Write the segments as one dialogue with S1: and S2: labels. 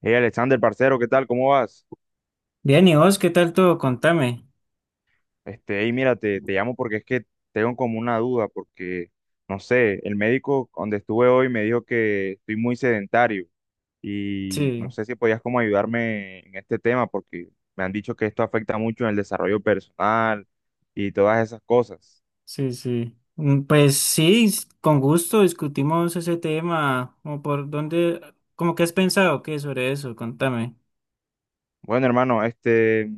S1: Hey Alexander, parcero, ¿qué tal? ¿Cómo vas?
S2: Bien, ¿y vos qué tal todo? Contame.
S1: Hey, mira, te llamo porque es que tengo como una duda, porque, no sé, el médico donde estuve hoy me dijo que estoy muy sedentario y no
S2: Sí,
S1: sé si podías como ayudarme en este tema, porque me han dicho que esto afecta mucho en el desarrollo personal y todas esas cosas.
S2: sí, sí. Mm, pues sí, con gusto discutimos ese tema. ¿Cómo que has pensado qué sobre eso? Contame.
S1: Bueno, hermano,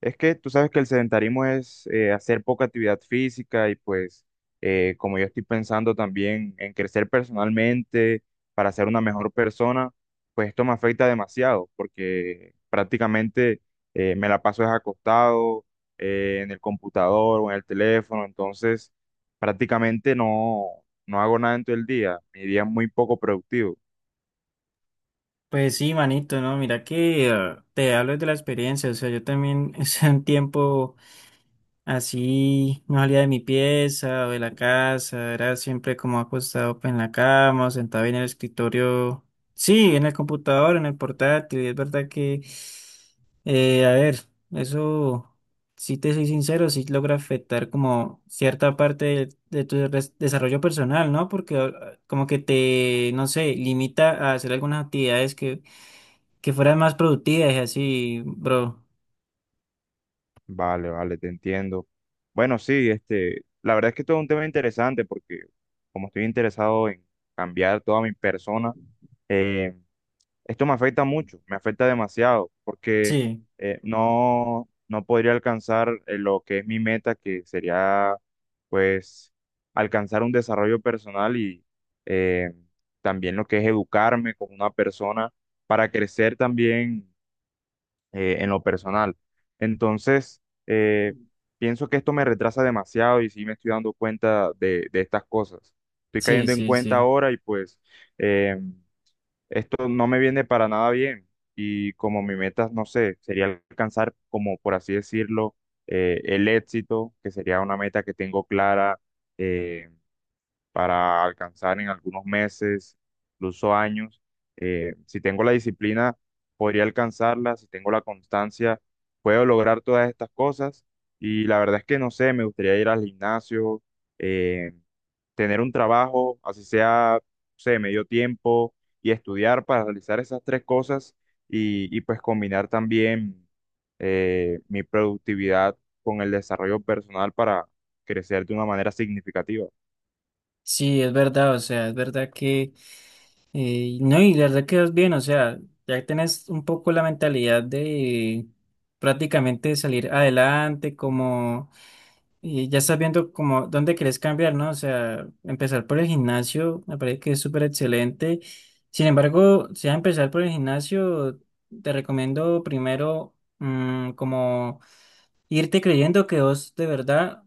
S1: es que tú sabes que el sedentarismo es hacer poca actividad física y pues como yo estoy pensando también en crecer personalmente para ser una mejor persona, pues esto me afecta demasiado porque prácticamente me la paso es acostado en el computador o en el teléfono, entonces prácticamente no hago nada en todo el día, mi día es muy poco productivo.
S2: Pues sí, manito, ¿no? Mira que te hablo de la experiencia. O sea, yo también hace un tiempo. Así no salía de mi pieza o de la casa, era siempre como acostado pues, en la cama o sentado en el escritorio. Sí, en el computador, en el portátil. Es verdad que, a ver, eso, si te soy sincero, sí logra afectar como cierta parte de tu desarrollo personal, ¿no? Porque como que te, no sé, limita a hacer algunas actividades que fueran más productivas y así, bro.
S1: Vale, vale, te entiendo. Bueno, sí, la verdad es que todo es un tema interesante porque como estoy interesado en cambiar toda mi persona, eh, esto me afecta mucho, me afecta demasiado porque
S2: Sí,
S1: no podría alcanzar lo que es mi meta, que sería pues alcanzar un desarrollo personal y eh, también lo que es educarme como una persona para crecer también en lo personal. Entonces, eh, pienso que esto me retrasa demasiado y sí me estoy dando cuenta de estas cosas. Estoy
S2: sí,
S1: cayendo en
S2: sí,
S1: cuenta
S2: sí.
S1: ahora y pues eh, esto no me viene para nada bien. Y como mi meta, no sé, sería alcanzar, como por así decirlo, el éxito, que sería una meta que tengo clara, eh, para alcanzar en algunos meses, incluso años. Si tengo la disciplina, podría alcanzarla, si tengo la constancia, puedo lograr todas estas cosas. Y la verdad es que no sé, me gustaría ir al gimnasio, eh, tener un trabajo, así sea, no sé, medio tiempo, y estudiar para realizar esas tres cosas y pues combinar también mi productividad con el desarrollo personal para crecer de una manera significativa.
S2: Sí, es verdad, o sea, es verdad que, no, y la verdad que es bien, o sea, ya tenés un poco la mentalidad de prácticamente salir adelante, como, y ya estás viendo como dónde querés cambiar, ¿no? O sea, empezar por el gimnasio, me parece que es súper excelente. Sin embargo, si vas a empezar por el gimnasio, te recomiendo primero, mm, como irte creyendo que vos de verdad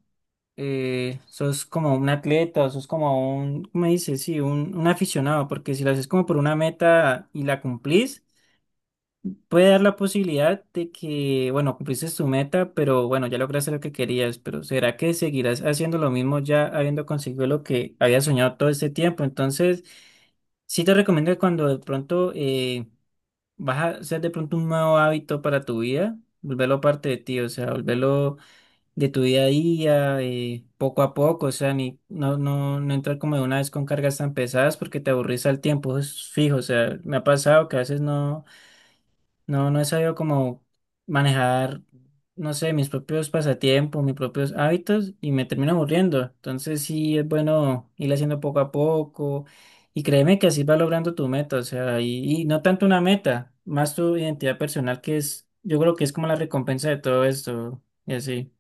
S2: sos como un atleta, sos como ¿cómo me dices? Sí, un aficionado, porque si lo haces como por una meta y la cumplís, puede dar la posibilidad de que, bueno, cumpliste tu meta, pero bueno, ya lograste lo que querías, pero ¿será que seguirás haciendo lo mismo ya habiendo conseguido lo que habías soñado todo este tiempo? Entonces, sí te recomiendo que cuando de pronto vas a hacer de pronto un nuevo hábito para tu vida, volverlo parte de ti, o sea, volverlo de tu día a día, poco a poco, o sea, ni, no, no, no entrar como de una vez con cargas tan pesadas porque te aburrís al tiempo, eso es fijo, o sea, me ha pasado que a veces no, no, no he sabido como manejar, no sé, mis propios pasatiempos, mis propios hábitos y me termino aburriendo, entonces sí es bueno ir haciendo poco a poco y créeme que así vas logrando tu meta, o sea, y no tanto una meta, más tu identidad personal que es, yo creo que es como la recompensa de todo esto y así.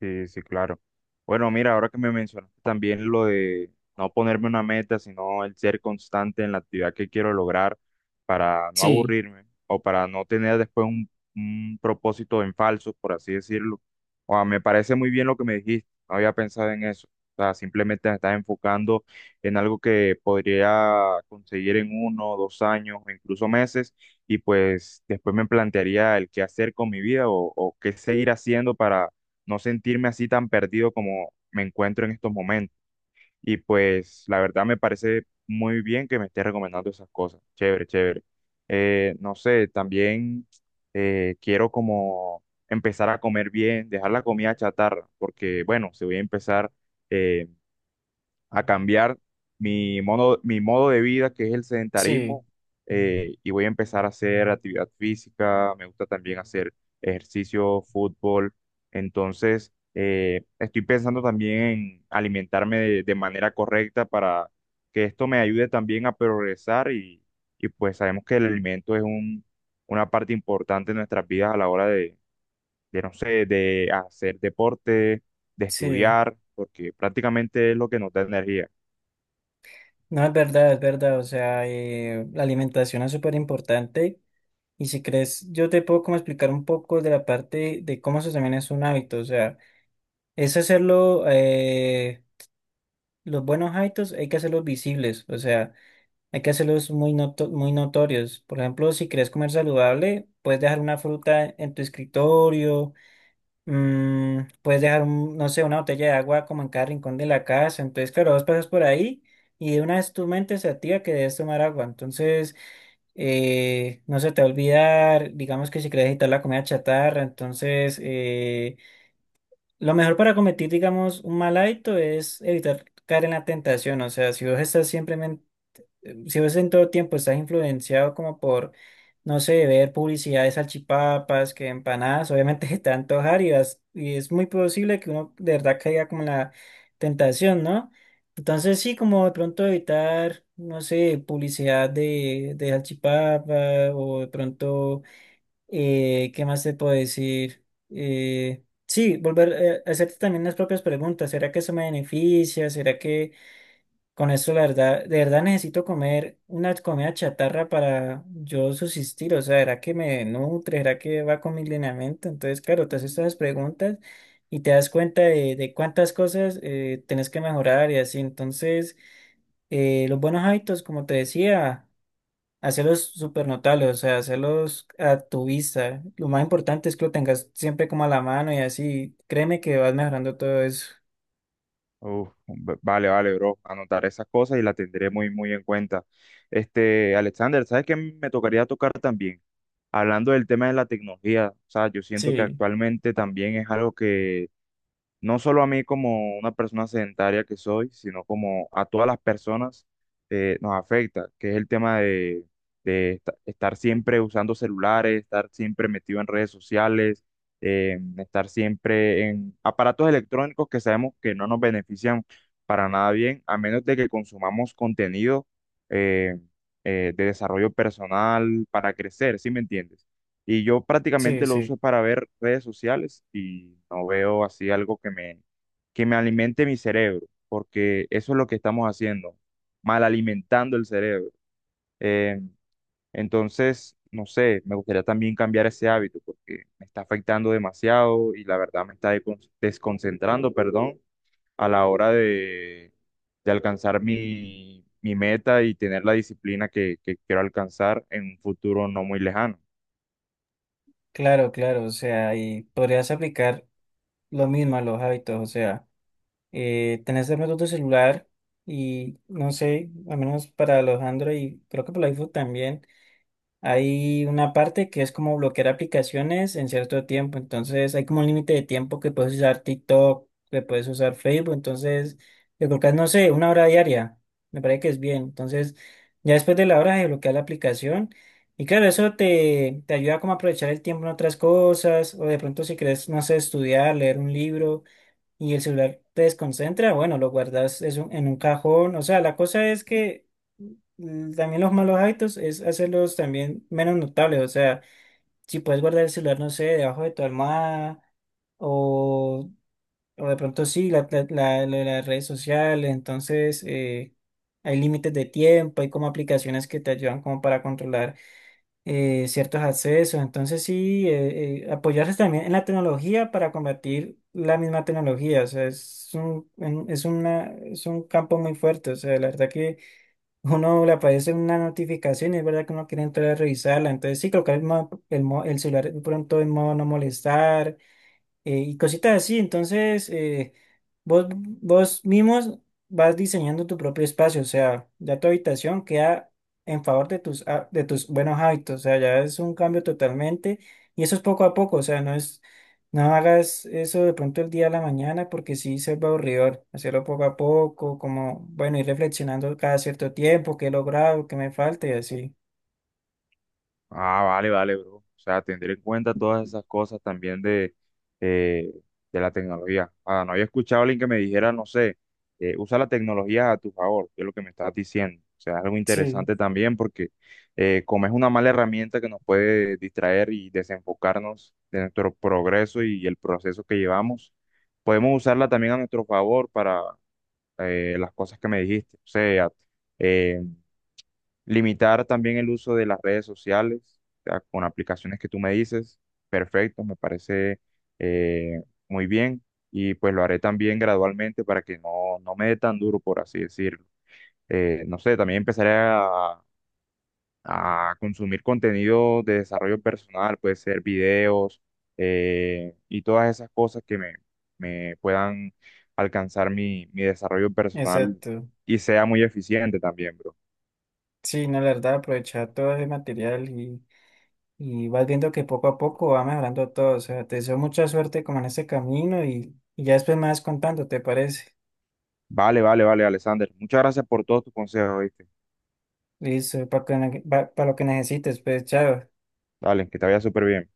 S1: Sí, sí, claro. Bueno, mira, ahora que me mencionaste también lo de no ponerme una meta, sino el ser constante en la actividad que quiero lograr para no
S2: Sí.
S1: aburrirme o para no tener después un propósito en falso, por así decirlo. O sea, me parece muy bien lo que me dijiste, no había pensado en eso. O sea, simplemente me estás enfocando en algo que podría conseguir en uno, dos años o incluso meses y pues después me plantearía el qué hacer con mi vida o qué seguir haciendo para no sentirme así tan perdido como me encuentro en estos momentos. Y pues la verdad me parece muy bien que me esté recomendando esas cosas. Chévere, chévere. No sé, también quiero como empezar a comer bien, dejar la comida chatarra, porque bueno, se voy a empezar. eh, a cambiar mi modo de vida, que es el
S2: Sí,
S1: sedentarismo, y voy a empezar a hacer actividad física, me gusta también hacer ejercicio, fútbol, entonces estoy pensando también en alimentarme de manera correcta para que esto me ayude también a progresar y pues sabemos que el alimento es una parte importante en nuestras vidas a la hora de, no sé, de hacer deporte, de
S2: sí,
S1: estudiar, porque prácticamente es lo que nos da energía.
S2: no es verdad, es verdad, o sea, la alimentación es súper importante y si crees, yo te puedo como explicar un poco de la parte de cómo eso también es un hábito, o sea, es hacerlo, los buenos hábitos hay que hacerlos visibles, o sea, hay que hacerlos muy, muy notorios, por ejemplo, si quieres comer saludable, puedes dejar una fruta en tu escritorio. Mm, puedes dejar, un, no sé, una botella de agua como en cada rincón de la casa. Entonces, claro, vos pasas por ahí y de una vez tu mente se activa que debes tomar agua. Entonces, no se te va a olvidar, digamos que si quieres evitar la comida chatarra, entonces, lo mejor para cometer, digamos, un mal hábito es evitar caer en la tentación. O sea, si vos estás siempre si vos en todo tiempo estás influenciado como por, no sé, ver publicidad de salchipapas, que empanadas, obviamente se te va a antojar y es muy posible que uno de verdad caiga como en la tentación, ¿no? Entonces sí, como de pronto evitar, no sé, publicidad de salchipapa o de pronto, ¿qué más te puedo decir? Sí, volver a hacerte también las propias preguntas. ¿Será que eso me beneficia? ¿Será que... con eso, la verdad, de verdad necesito comer una comida chatarra para yo subsistir? O sea, ¿será que me nutre? ¿Será que va con mi lineamiento? Entonces, claro, te haces estas preguntas y te das cuenta de cuántas cosas tenés que mejorar y así. Entonces, los buenos hábitos, como te decía, hacerlos súper notables, o sea, hacerlos a tu vista. Lo más importante es que lo tengas siempre como a la mano y así. Créeme que vas mejorando todo eso.
S1: Uf, vale, vale, bro. Anotaré esas cosas y las tendré muy, muy en cuenta. Este, Alexander, ¿sabes qué me tocaría tocar también? Hablando del tema de la tecnología, o sea, yo siento que
S2: Sí,
S1: actualmente también es algo que no solo a mí como una persona sedentaria que soy, sino como a todas las personas nos afecta, que es el tema de estar siempre usando celulares, estar siempre metido en redes sociales, estar siempre en aparatos electrónicos que sabemos que no nos benefician para nada bien, a menos de que consumamos contenido eh, de desarrollo personal para crecer, ¿sí me entiendes? Y yo
S2: sí,
S1: prácticamente lo uso
S2: sí.
S1: para ver redes sociales y no veo así algo que que me alimente mi cerebro, porque eso es lo que estamos haciendo, mal alimentando el cerebro. Eh, entonces, no sé, me gustaría también cambiar ese hábito porque me está afectando demasiado y la verdad me está desconcentrando, perdón, a la hora de alcanzar mi meta y tener la disciplina que quiero alcanzar en un futuro no muy lejano.
S2: Claro, claro, o sea, y podrías aplicar lo mismo a los hábitos, o sea, tenés de pronto tu celular y no sé, al menos para los Android, creo que para el iPhone también. Hay una parte que es como bloquear aplicaciones en cierto tiempo, entonces hay como un límite de tiempo que puedes usar TikTok, que puedes usar Facebook, entonces le colocas, no sé, una hora diaria, me parece que es bien, entonces ya después de la hora de bloquear la aplicación y claro, eso te, te ayuda como a aprovechar el tiempo en otras cosas o de pronto si quieres, no sé, estudiar, leer un libro y el celular te desconcentra, bueno, lo guardas eso en un cajón. O sea, la cosa es que mm, también los malos hábitos es hacerlos también menos notables. O sea, si puedes guardar el celular, no sé, debajo de tu almohada o, o de pronto sí, lo de las redes sociales. Entonces, hay límites de tiempo, hay como aplicaciones que te ayudan como para controlar ciertos accesos. Entonces sí, apoyarse también en la tecnología para combatir la misma tecnología. O sea, es es una, es un campo muy fuerte. O sea, la verdad que uno le aparece una notificación y es verdad que uno quiere entrar a revisarla. Entonces sí, colocar el celular de pronto en modo no molestar y cositas así. Entonces, vos mismos vas diseñando tu propio espacio, o sea, ya tu habitación queda en favor de tus, de tus buenos hábitos, o sea, ya es un cambio totalmente y eso es poco a poco, o sea, no es, no hagas eso de pronto el día a la mañana porque sí se va aburridor, hacerlo poco a poco, como, bueno, ir reflexionando cada cierto tiempo, qué he logrado, qué me falta y así.
S1: Ah, vale, vale, bro. O sea, tener en cuenta todas esas cosas también eh, de la tecnología. Ah, no había escuchado a alguien que me dijera, no sé, usa la tecnología a tu favor, que es lo que me estás diciendo. O sea, algo
S2: Sí,
S1: interesante también porque como es una mala herramienta que nos puede distraer y desenfocarnos de nuestro progreso y el proceso que llevamos, podemos usarla también a nuestro favor para las cosas que me dijiste. O sea, eh, limitar también el uso de las redes sociales, o sea, con aplicaciones que tú me dices, perfecto, me parece muy bien y pues lo haré también gradualmente para que no me dé tan duro, por así decirlo. No sé, también empezaré a consumir contenido de desarrollo personal, puede ser videos y todas esas cosas que me puedan alcanzar mi desarrollo personal
S2: exacto.
S1: y sea muy eficiente también, bro.
S2: Sí, no, la verdad, aprovechar todo ese material y vas viendo que poco a poco va mejorando todo. O sea, te deseo mucha suerte como en este camino y ya después me vas contando, ¿te parece?
S1: Vale, vale, vale, Alexander. Muchas gracias por todos tus consejos, ¿viste?
S2: Listo, para lo que necesites, pues chao.
S1: Dale, que te vaya súper bien.